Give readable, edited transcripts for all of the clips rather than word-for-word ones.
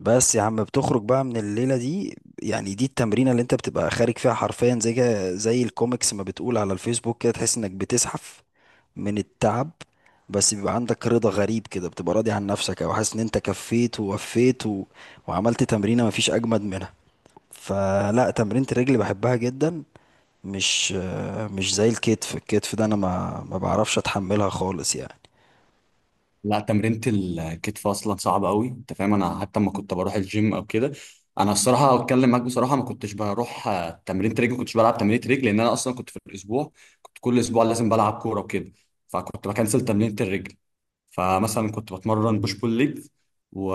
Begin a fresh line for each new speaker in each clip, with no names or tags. بس يا عم بتخرج بقى من الليلة دي. يعني دي التمرينة اللي انت بتبقى خارج فيها حرفيا زي الكوميكس ما بتقول على الفيسبوك، كده تحس انك بتزحف من التعب. بس بيبقى عندك رضا غريب كده، بتبقى راضي عن نفسك او حاسس ان انت كفيت ووفيت وعملت تمرينة مفيش اجمد منها. فلا، تمرينة الرجل بحبها جدا، مش مش زي الكتف. الكتف ده انا ما بعرفش اتحملها خالص يعني.
لا، تمرينة الكتف اصلا صعبة قوي، انت فاهم. انا حتى لما كنت بروح الجيم او كده، انا الصراحة اتكلم معاك بصراحة، ما كنتش بروح تمرينة رجل. ما كنتش بلعب تمرينة رجل لان انا اصلا كنت في الاسبوع، كنت كل اسبوع لازم بلعب كورة وكده، فكنت بكنسل تمرينة الرجل. فمثلا كنت بتمرن بوش
مم.
بول ليج و...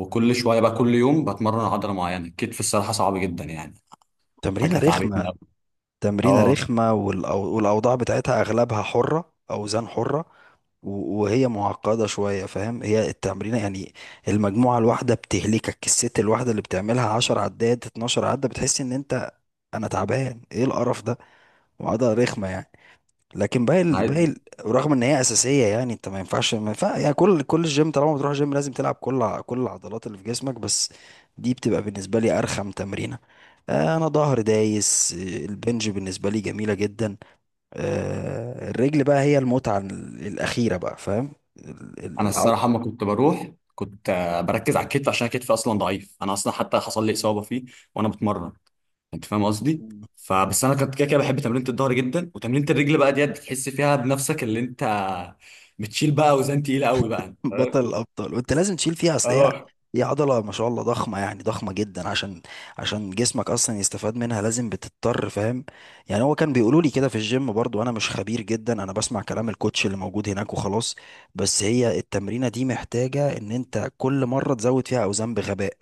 وكل شوية بقى كل يوم بتمرن عضلة معينة. الكتف الصراحة صعب جدا يعني،
تمرينة
حاجة تعبتني
رخمة،
قوي.
تمرينة
اه،
رخمة. والأوضاع بتاعتها أغلبها حرة، أوزان حرة. وهي معقدة شوية فاهم، هي التمرينة يعني. المجموعة الواحدة بتهلكك، الست الواحدة اللي بتعملها 10 عدات، 12 عدة، بتحس إن أنت، أنا تعبان إيه القرف ده. وعضلة رخمة يعني. لكن رغم ان هي اساسيه يعني، انت ما ينفعش، ما ينفع يعني، كل الجيم طالما بتروح جيم لازم تلعب كل العضلات اللي في جسمك. بس دي بتبقى بالنسبه لي ارخم تمرينه. انا ظهر دايس. البنج بالنسبه لي جميله جدا. الرجل بقى هي المتعه الاخيره بقى، فاهم ال- ال-
انا
العض
الصراحه اما كنت بروح كنت بركز على الكتف عشان كتفي اصلا ضعيف. انا اصلا حتى حصل لي اصابه فيه وانا بتمرن، انت فاهم قصدي. فبس انا كنت كده كده بحب تمرينة الظهر جدا، وتمرينة الرجل بقى ديت بتحس فيها بنفسك اللي انت بتشيل بقى اوزان تقيله قوي بقى، انت فاهم.
بطل الابطال، وانت لازم تشيل فيها، اصل هي،
اه.
هي عضله ما شاء الله ضخمه، يعني ضخمه جدا، عشان جسمك اصلا يستفاد منها لازم بتضطر، فاهم. يعني هو كان بيقولوا لي كده في الجيم، برضو انا مش خبير جدا، انا بسمع كلام الكوتش اللي موجود هناك وخلاص. بس هي التمرينه دي محتاجه ان انت كل مره تزود فيها اوزان بغباء.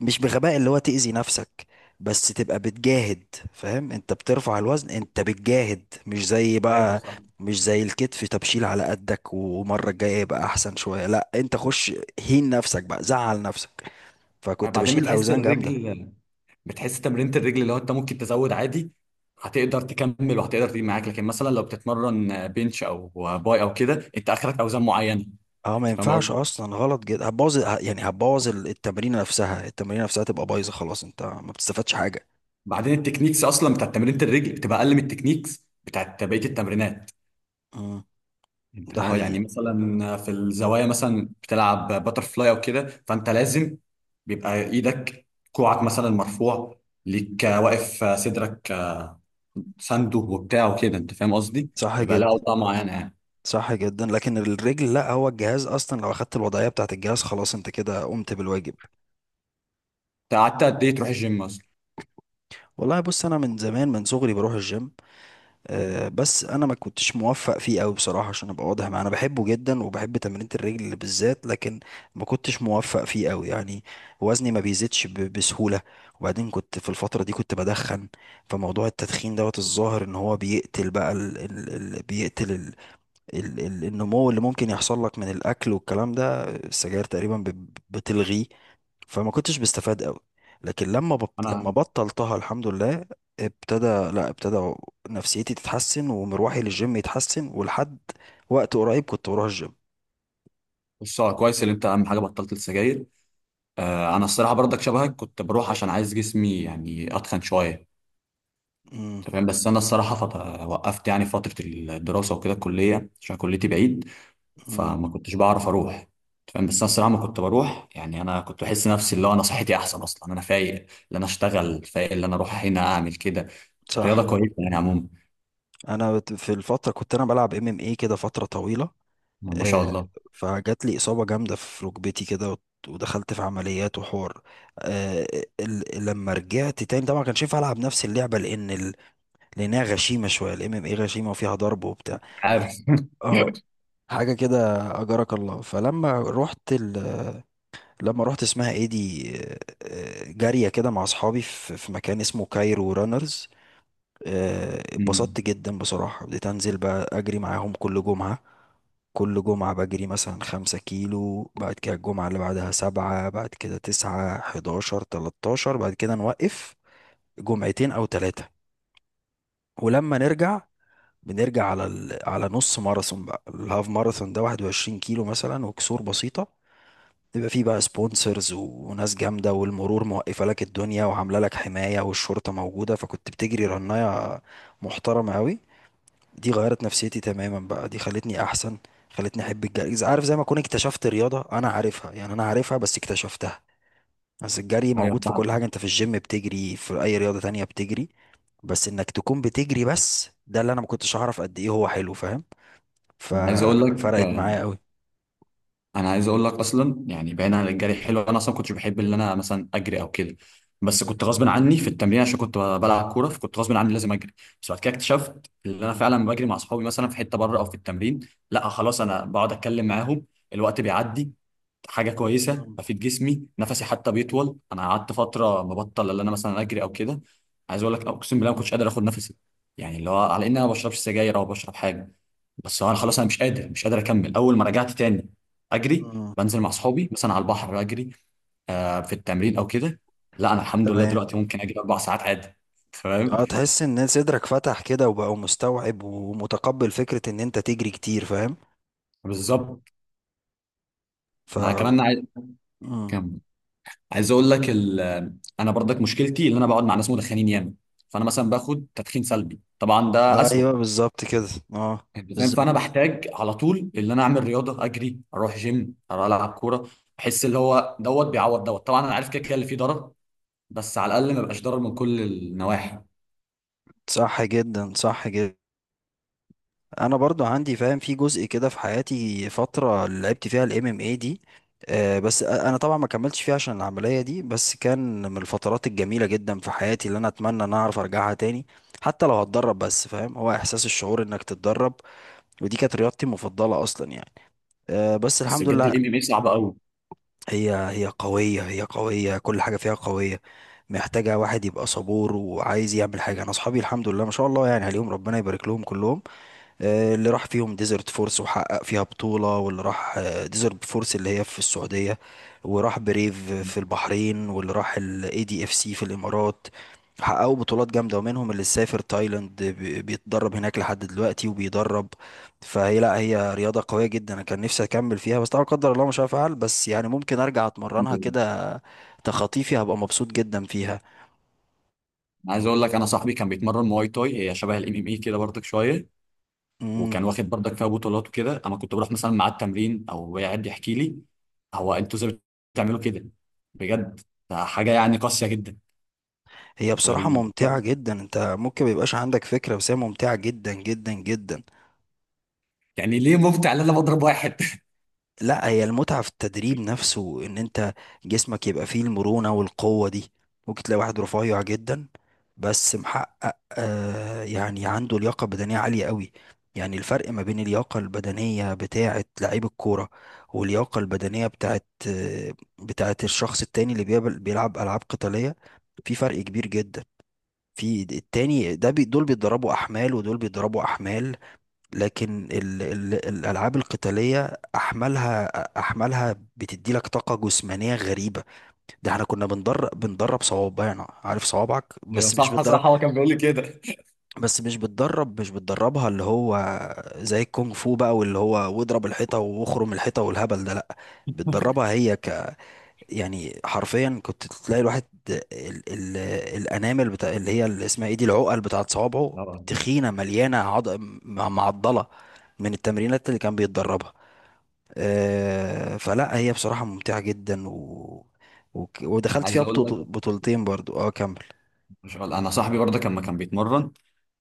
مش بغباء اللي هو تأذي نفسك، بس تبقى بتجاهد. فاهم، انت بترفع الوزن، انت بتجاهد، مش زي
ايوه،
بقى،
صح.
مش زي الكتف تبشيل على قدك ومرة الجاية يبقى أحسن شوية. لا، أنت خش هين نفسك بقى، زعل نفسك. فكنت
بعدين
بشيل
بتحس
أوزان جامدة.
الرجل، بتحس تمرينة الرجل اللي هو انت ممكن تزود عادي، هتقدر تكمل وهتقدر تيجي معاك. لكن مثلا لو بتتمرن بنش او باي او كده، انت اخرك اوزان معينه.
اه، ما
انت
ينفعش
فاهم،
اصلا، غلط جدا، يعني هتبوظ التمرين نفسها. تبقى بايظه خلاص، انت ما بتستفادش حاجه.
بعدين التكنيكس اصلا بتاعت تمرينة الرجل بتبقى اقل من التكنيكس بتاعت بقية التمرينات.
امم.
انت
ده
فاهم،
حقيقي.
يعني مثلا في الزوايا مثلا بتلعب باتر فلاي او كده، فانت لازم بيبقى ايدك كوعك مثلا مرفوع ليك، واقف صدرك ساندو وبتاع وكده. انت فاهم
مم.
قصدي؟
صح
بيبقى
جدا،
لها اوضاع معينة يعني.
صح جدا. لكن الرجل لا، هو الجهاز اصلا لو اخدت الوضعيه بتاعت الجهاز خلاص انت كده قمت بالواجب.
انت قعدت قد ايه تروح الجيم اصلا؟
والله بص، انا من زمان، من صغري بروح الجيم. بس انا ما كنتش موفق فيه قوي بصراحه، عشان ابقى واضح معاه انا بحبه جدا وبحب تمرينة الرجل بالذات، لكن ما كنتش موفق فيه قوي يعني. وزني ما بيزيدش بسهوله. وبعدين كنت في الفتره دي كنت بدخن. فموضوع التدخين دوت، الظاهر ان هو بيقتل بقى ال ال ال بيقتل ال ال ال النمو اللي ممكن يحصل لك من الاكل والكلام ده. السجاير تقريبا بتلغيه. فما كنتش بستفاد قوي. لكن لما
انا،
بطلتها الحمد لله ابتدى لا ابتدى نفسيتي تتحسن ومروحي للجيم يتحسن، ولحد وقت قريب كنت بروح الجيم.
بص هو كويس ان انت اهم حاجه بطلت السجاير. انا الصراحه برضك شبهك كنت بروح عشان عايز جسمي يعني اتخن شويه.
امم،
أنت فاهم بس انا الصراحه وقفت يعني فتره الدراسه وكده الكليه عشان كليتي بعيد،
امم،
فما كنتش بعرف اروح. أنت فاهم بس انا الصراحه ما كنت بروح يعني. انا كنت بحس نفسي اللي هو انا صحتي احسن اصلا، انا فايق اللي انا اشتغل، فايق اللي انا اروح هنا اعمل كده. الرياضه
صح.
كويسه يعني عموما.
انا في الفتره كنت انا بلعب ام ام اي كده فتره طويله.
ما شاء
آه،
الله.
فجات لي اصابه جامده في ركبتي كده، ودخلت في عمليات وحوار. آه، لما رجعت تاني طبعا ما كانش ينفع العب نفس اللعبه، لانها غشيمه شويه الام ام اي، غشيمه وفيها ضرب وبتاع.
عارف
اه، حاجة كده، أجرك الله. فلما رحت لما رحت اسمها ايه دي، جارية كده مع أصحابي في مكان اسمه كايرو رانرز.
أمم.
اتبسطت جدا بصراحة، بديت أنزل بقى أجري معاهم كل جمعة. كل جمعة بجري مثلا 5 كيلو، بعد كده الجمعة اللي بعدها 7، بعد كده 9، 11، 13، بعد كده نوقف جمعتين أو 3. ولما نرجع، بنرجع على على نص ماراثون بقى، الهاف ماراثون ده 21 كيلو مثلا وكسور بسيطة. يبقى فيه بقى سبونسرز وناس جامدة، والمرور موقفة لك الدنيا وعاملة لك حماية، والشرطة موجودة، فكنت بتجري رناية محترمة أوي. دي غيرت نفسيتي تماما بقى، دي خلتني أحسن، خلتني أحب الجري، إذا عارف، زي ما أكون اكتشفت رياضة أنا عارفها، يعني أنا عارفها بس اكتشفتها. بس الجري
ايوه،
موجود في
فعلا.
كل حاجة، أنت في الجيم بتجري، في أي رياضة تانية بتجري، بس إنك تكون بتجري، بس ده اللي أنا ما كنتش أعرف قد إيه هو حلو، فاهم.
انا عايز اقول لك،
ففرقت معايا أوي.
انا عايز اقول لك اصلا يعني بعيدا عن الجري حلو، انا اصلا كنتش بحب ان انا مثلا اجري او كده، بس كنت غصب عني في التمرين عشان كنت بلعب كوره، فكنت غصب عني لازم اجري. بس بعد كده اكتشفت ان انا فعلا بجري مع اصحابي مثلا في حته بره او في التمرين. لا خلاص، انا بقعد اتكلم معاهم، الوقت بيعدي، حاجه كويسه
مم.
بفيد جسمي نفسي حتى بيطول. انا قعدت فتره مبطل ان انا مثلا اجري او كده، عايز اقول لك اقسم بالله ما كنتش
مم.
قادر اخد نفسي. يعني اللي هو على ان انا ما بشربش سجاير او بشرب حاجه، بس انا خلاص انا مش قادر، مش قادر اكمل. اول ما رجعت تاني اجري،
مم.
بنزل مع اصحابي مثلا على البحر اجري، آه في التمرين او كده. لا انا الحمد لله
تمام.
دلوقتي ممكن اجري 4 ساعات عادي. فاهم.
اه، تحس ان صدرك فتح كده وبقى مستوعب ومتقبل فكرة ان انت تجري كتير، فاهم.
بالظبط.
ف
مع كمان عايز،
مم.
كم عايز اقول لك انا برضك مشكلتي ان انا بقعد مع ناس مدخنين ياما، فانا مثلا باخد تدخين سلبي، طبعا ده اسوأ.
ايوه، بالظبط كده. اه،
انت فاهم،
بالظبط.
فانا بحتاج على طول ان انا اعمل رياضه، اجري، اروح جيم، اروح العب كوره. بحس اللي هو دوت بيعوض دوت، طبعا انا عارف كده كده اللي فيه ضرر، بس على الاقل ما بقاش ضرر من كل النواحي.
صح جدا، صح جدا. انا برضو عندي، فاهم، في جزء كده في حياتي، فترة اللي لعبت فيها الام ام اي دي. بس انا طبعا ما كملتش فيها عشان العملية دي، بس كان من الفترات الجميلة جدا في حياتي اللي انا اتمنى ان أنا اعرف ارجعها تاني، حتى لو هتدرب بس، فاهم، هو احساس الشعور انك تتدرب. ودي كانت رياضتي المفضلة اصلا يعني. بس
بس
الحمد
بجد الام
لله.
ام اي صعب قوي.
هي قوية، هي قوية، كل حاجة فيها قوية. محتاجة واحد يبقى صبور وعايز يعمل حاجة. أنا أصحابي الحمد لله ما شاء الله يعني عليهم، ربنا يبارك لهم كلهم. اللي راح فيهم ديزرت فورس وحقق فيها بطولة، واللي راح ديزرت فورس اللي هي في السعودية، وراح بريف في البحرين، واللي راح الاي دي اف سي في الامارات، حققوا بطولات جامدة. ومنهم اللي سافر تايلاند بيتدرب هناك لحد دلوقتي وبيدرب. فهي لا، هي رياضة قوية جدا، انا كان نفسي اكمل فيها بس طبعا قدر الله مش هفعل، بس يعني ممكن ارجع اتمرنها
انا
كده تخطيفي، هبقى مبسوط جدا فيها.
عايز اقول لك، انا صاحبي كان بيتمرن مواي تاي، هي شبه الـ MMA كده برضك شويه،
مم.
وكان واخد برضك فيها بطولات وكده. انا كنت بروح مثلا معاه التمرين او قاعد يحكي لي، هو انتوا ازاي بتعملوا كده؟ بجد ده حاجه يعني قاسيه جدا.
هي بصراحة
وال...
ممتعة جدا، انت ممكن ميبقاش عندك فكرة بس هي ممتعة جدا جدا جدا.
يعني ليه ممتع ان انا بضرب واحد؟
لا، هي المتعة في التدريب نفسه، ان انت جسمك يبقى فيه المرونة والقوة دي. ممكن تلاقي واحد رفيع جدا بس محقق، يعني عنده لياقة بدنية عالية قوي. يعني الفرق ما بين اللياقة البدنية بتاعة لعيب الكورة واللياقة البدنية بتاعة، آه، بتاعة الشخص التاني اللي بيلعب ألعاب قتالية، في فرق كبير جدا. في التاني ده بي، دول بيتدربوا احمال ودول بيتدربوا احمال، لكن ال ال الالعاب القتاليه احمالها بتدي لك طاقه جسمانيه غريبه. ده احنا كنا بندرب صوابعنا، عارف صوابعك،
أيوة،
بس مش
صح،
بتدرب،
صح. هو كان بيقول لي كده.
مش بتدربها، اللي هو زي الكونغ فو بقى، واللي هو واضرب الحيطه واخرم الحيطه والهبل ده، لا، بتدربها هي. يعني حرفيا كنت تلاقي الواحد ال ال الانامل بتاع، اللي اسمها ايه دي، العقل بتاعت صوابعه
طبعاً.
تخينه مليانه معضله من التمرينات اللي كان بيتدربها. فلا هي بصراحه ممتعه جدا ودخلت
عايز
فيها
اقول لك،
بطولتين برضو. اه، كمل.
مش غلط. انا صاحبي برضه لما كان بيتمرن،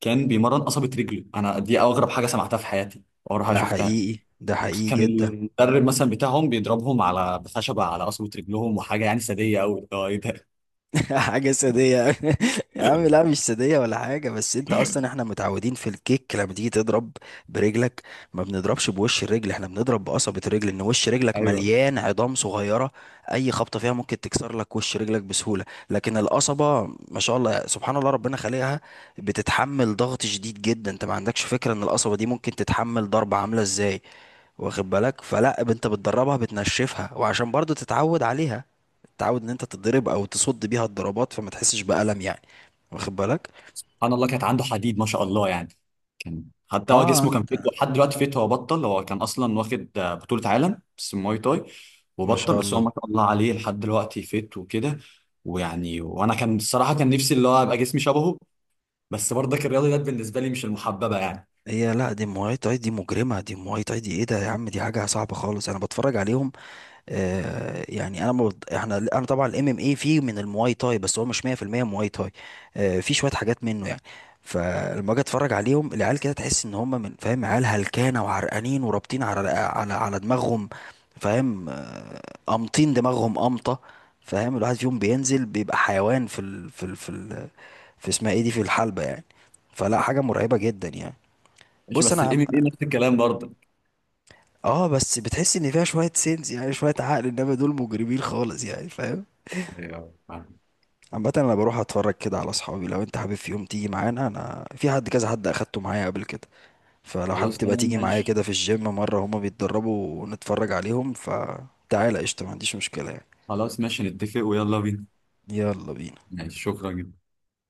كان بيمرن قصبة رجله. انا دي اغرب حاجة سمعتها في حياتي واغرب حاجة
ده
شفتها.
حقيقي، ده حقيقي
كان
جدا.
المدرب مثلا بتاعهم بيضربهم على بخشبة على قصبة رجلهم، وحاجة يعني سادية قوي، اللي هو ايه ده!
حاجة سادية. يا عم لا، مش سادية ولا حاجة، بس انت اصلا احنا متعودين في الكيك لما تيجي تضرب برجلك ما بنضربش بوش الرجل، احنا بنضرب بقصبة الرجل، ان وش رجلك
ايوه.
مليان عظام صغيرة، اي خبطة فيها ممكن تكسر لك وش رجلك بسهولة. لكن القصبة ما شاء الله سبحان الله ربنا خلقها بتتحمل ضغط شديد جدا، انت ما عندكش فكرة ان القصبة دي ممكن تتحمل ضربة عاملة ازاي، واخد بالك. فلا انت بتدربها، بتنشفها، وعشان برضو تتعود عليها، تتعود ان انت تضرب او تصد بيها الضربات فما تحسش بألم يعني، واخد بالك.
سبحان الله، كانت عنده حديد ما شاء الله يعني. كان حتى هو
اه
جسمه كان
انت،
فيت لحد دلوقتي فيت، هو بطل. هو كان اصلا واخد بطولة عالم بس مواي تاي،
ما
وبطل.
شاء
بس هو
الله.
ما شاء الله عليه لحد دلوقتي فيت وكده. ويعني وانا كان الصراحة كان نفسي اللي هو ابقى جسمي شبهه. بس برضك الرياضيات بالنسبه لي مش المحببه يعني.
هي لا، دي مواي تاي، دي مجرمة، دي مواي تاي، دي ايه ده يا عم، دي حاجة صعبة خالص، انا بتفرج عليهم. يعني انا احنا، انا طبعا الام ام اي فيه من المواي تاي، بس هو مش 100% مواي تاي. في شويه حاجات منه يعني. فلما اجي اتفرج عليهم العيال كده تحس ان هم، من، فاهم، عيال هلكانه وعرقانين ورابطين على دماغهم، فاهم. امطين دماغهم امطه، فاهم. الواحد فيهم بينزل بيبقى حيوان في اسمها ايه دي، في الحلبه يعني. فلا حاجه مرعبه جدا يعني.
ماشي،
بص انا
بس الام ام اي نفس الكلام برضك.
اه، بس بتحس ان فيها شويه سينس، يعني شويه عقل، انما دول مجرمين خالص يعني، فاهم.
أيوة، يعني.
عامة انا بروح اتفرج كده على اصحابي، لو انت حابب في يوم تيجي معانا، انا في حد، كذا حد اخدته معايا قبل كده، فلو حابب
خلاص
تبقى
تمام
تيجي معايا
ماشي،
كده في الجيم مرة هما بيتدربوا ونتفرج عليهم، فتعالى قشطة، ما عنديش مشكلة يعني.
خلاص ماشي، نتفق ويلا بينا.
يلا بينا.
ماشي، شكرا جدا.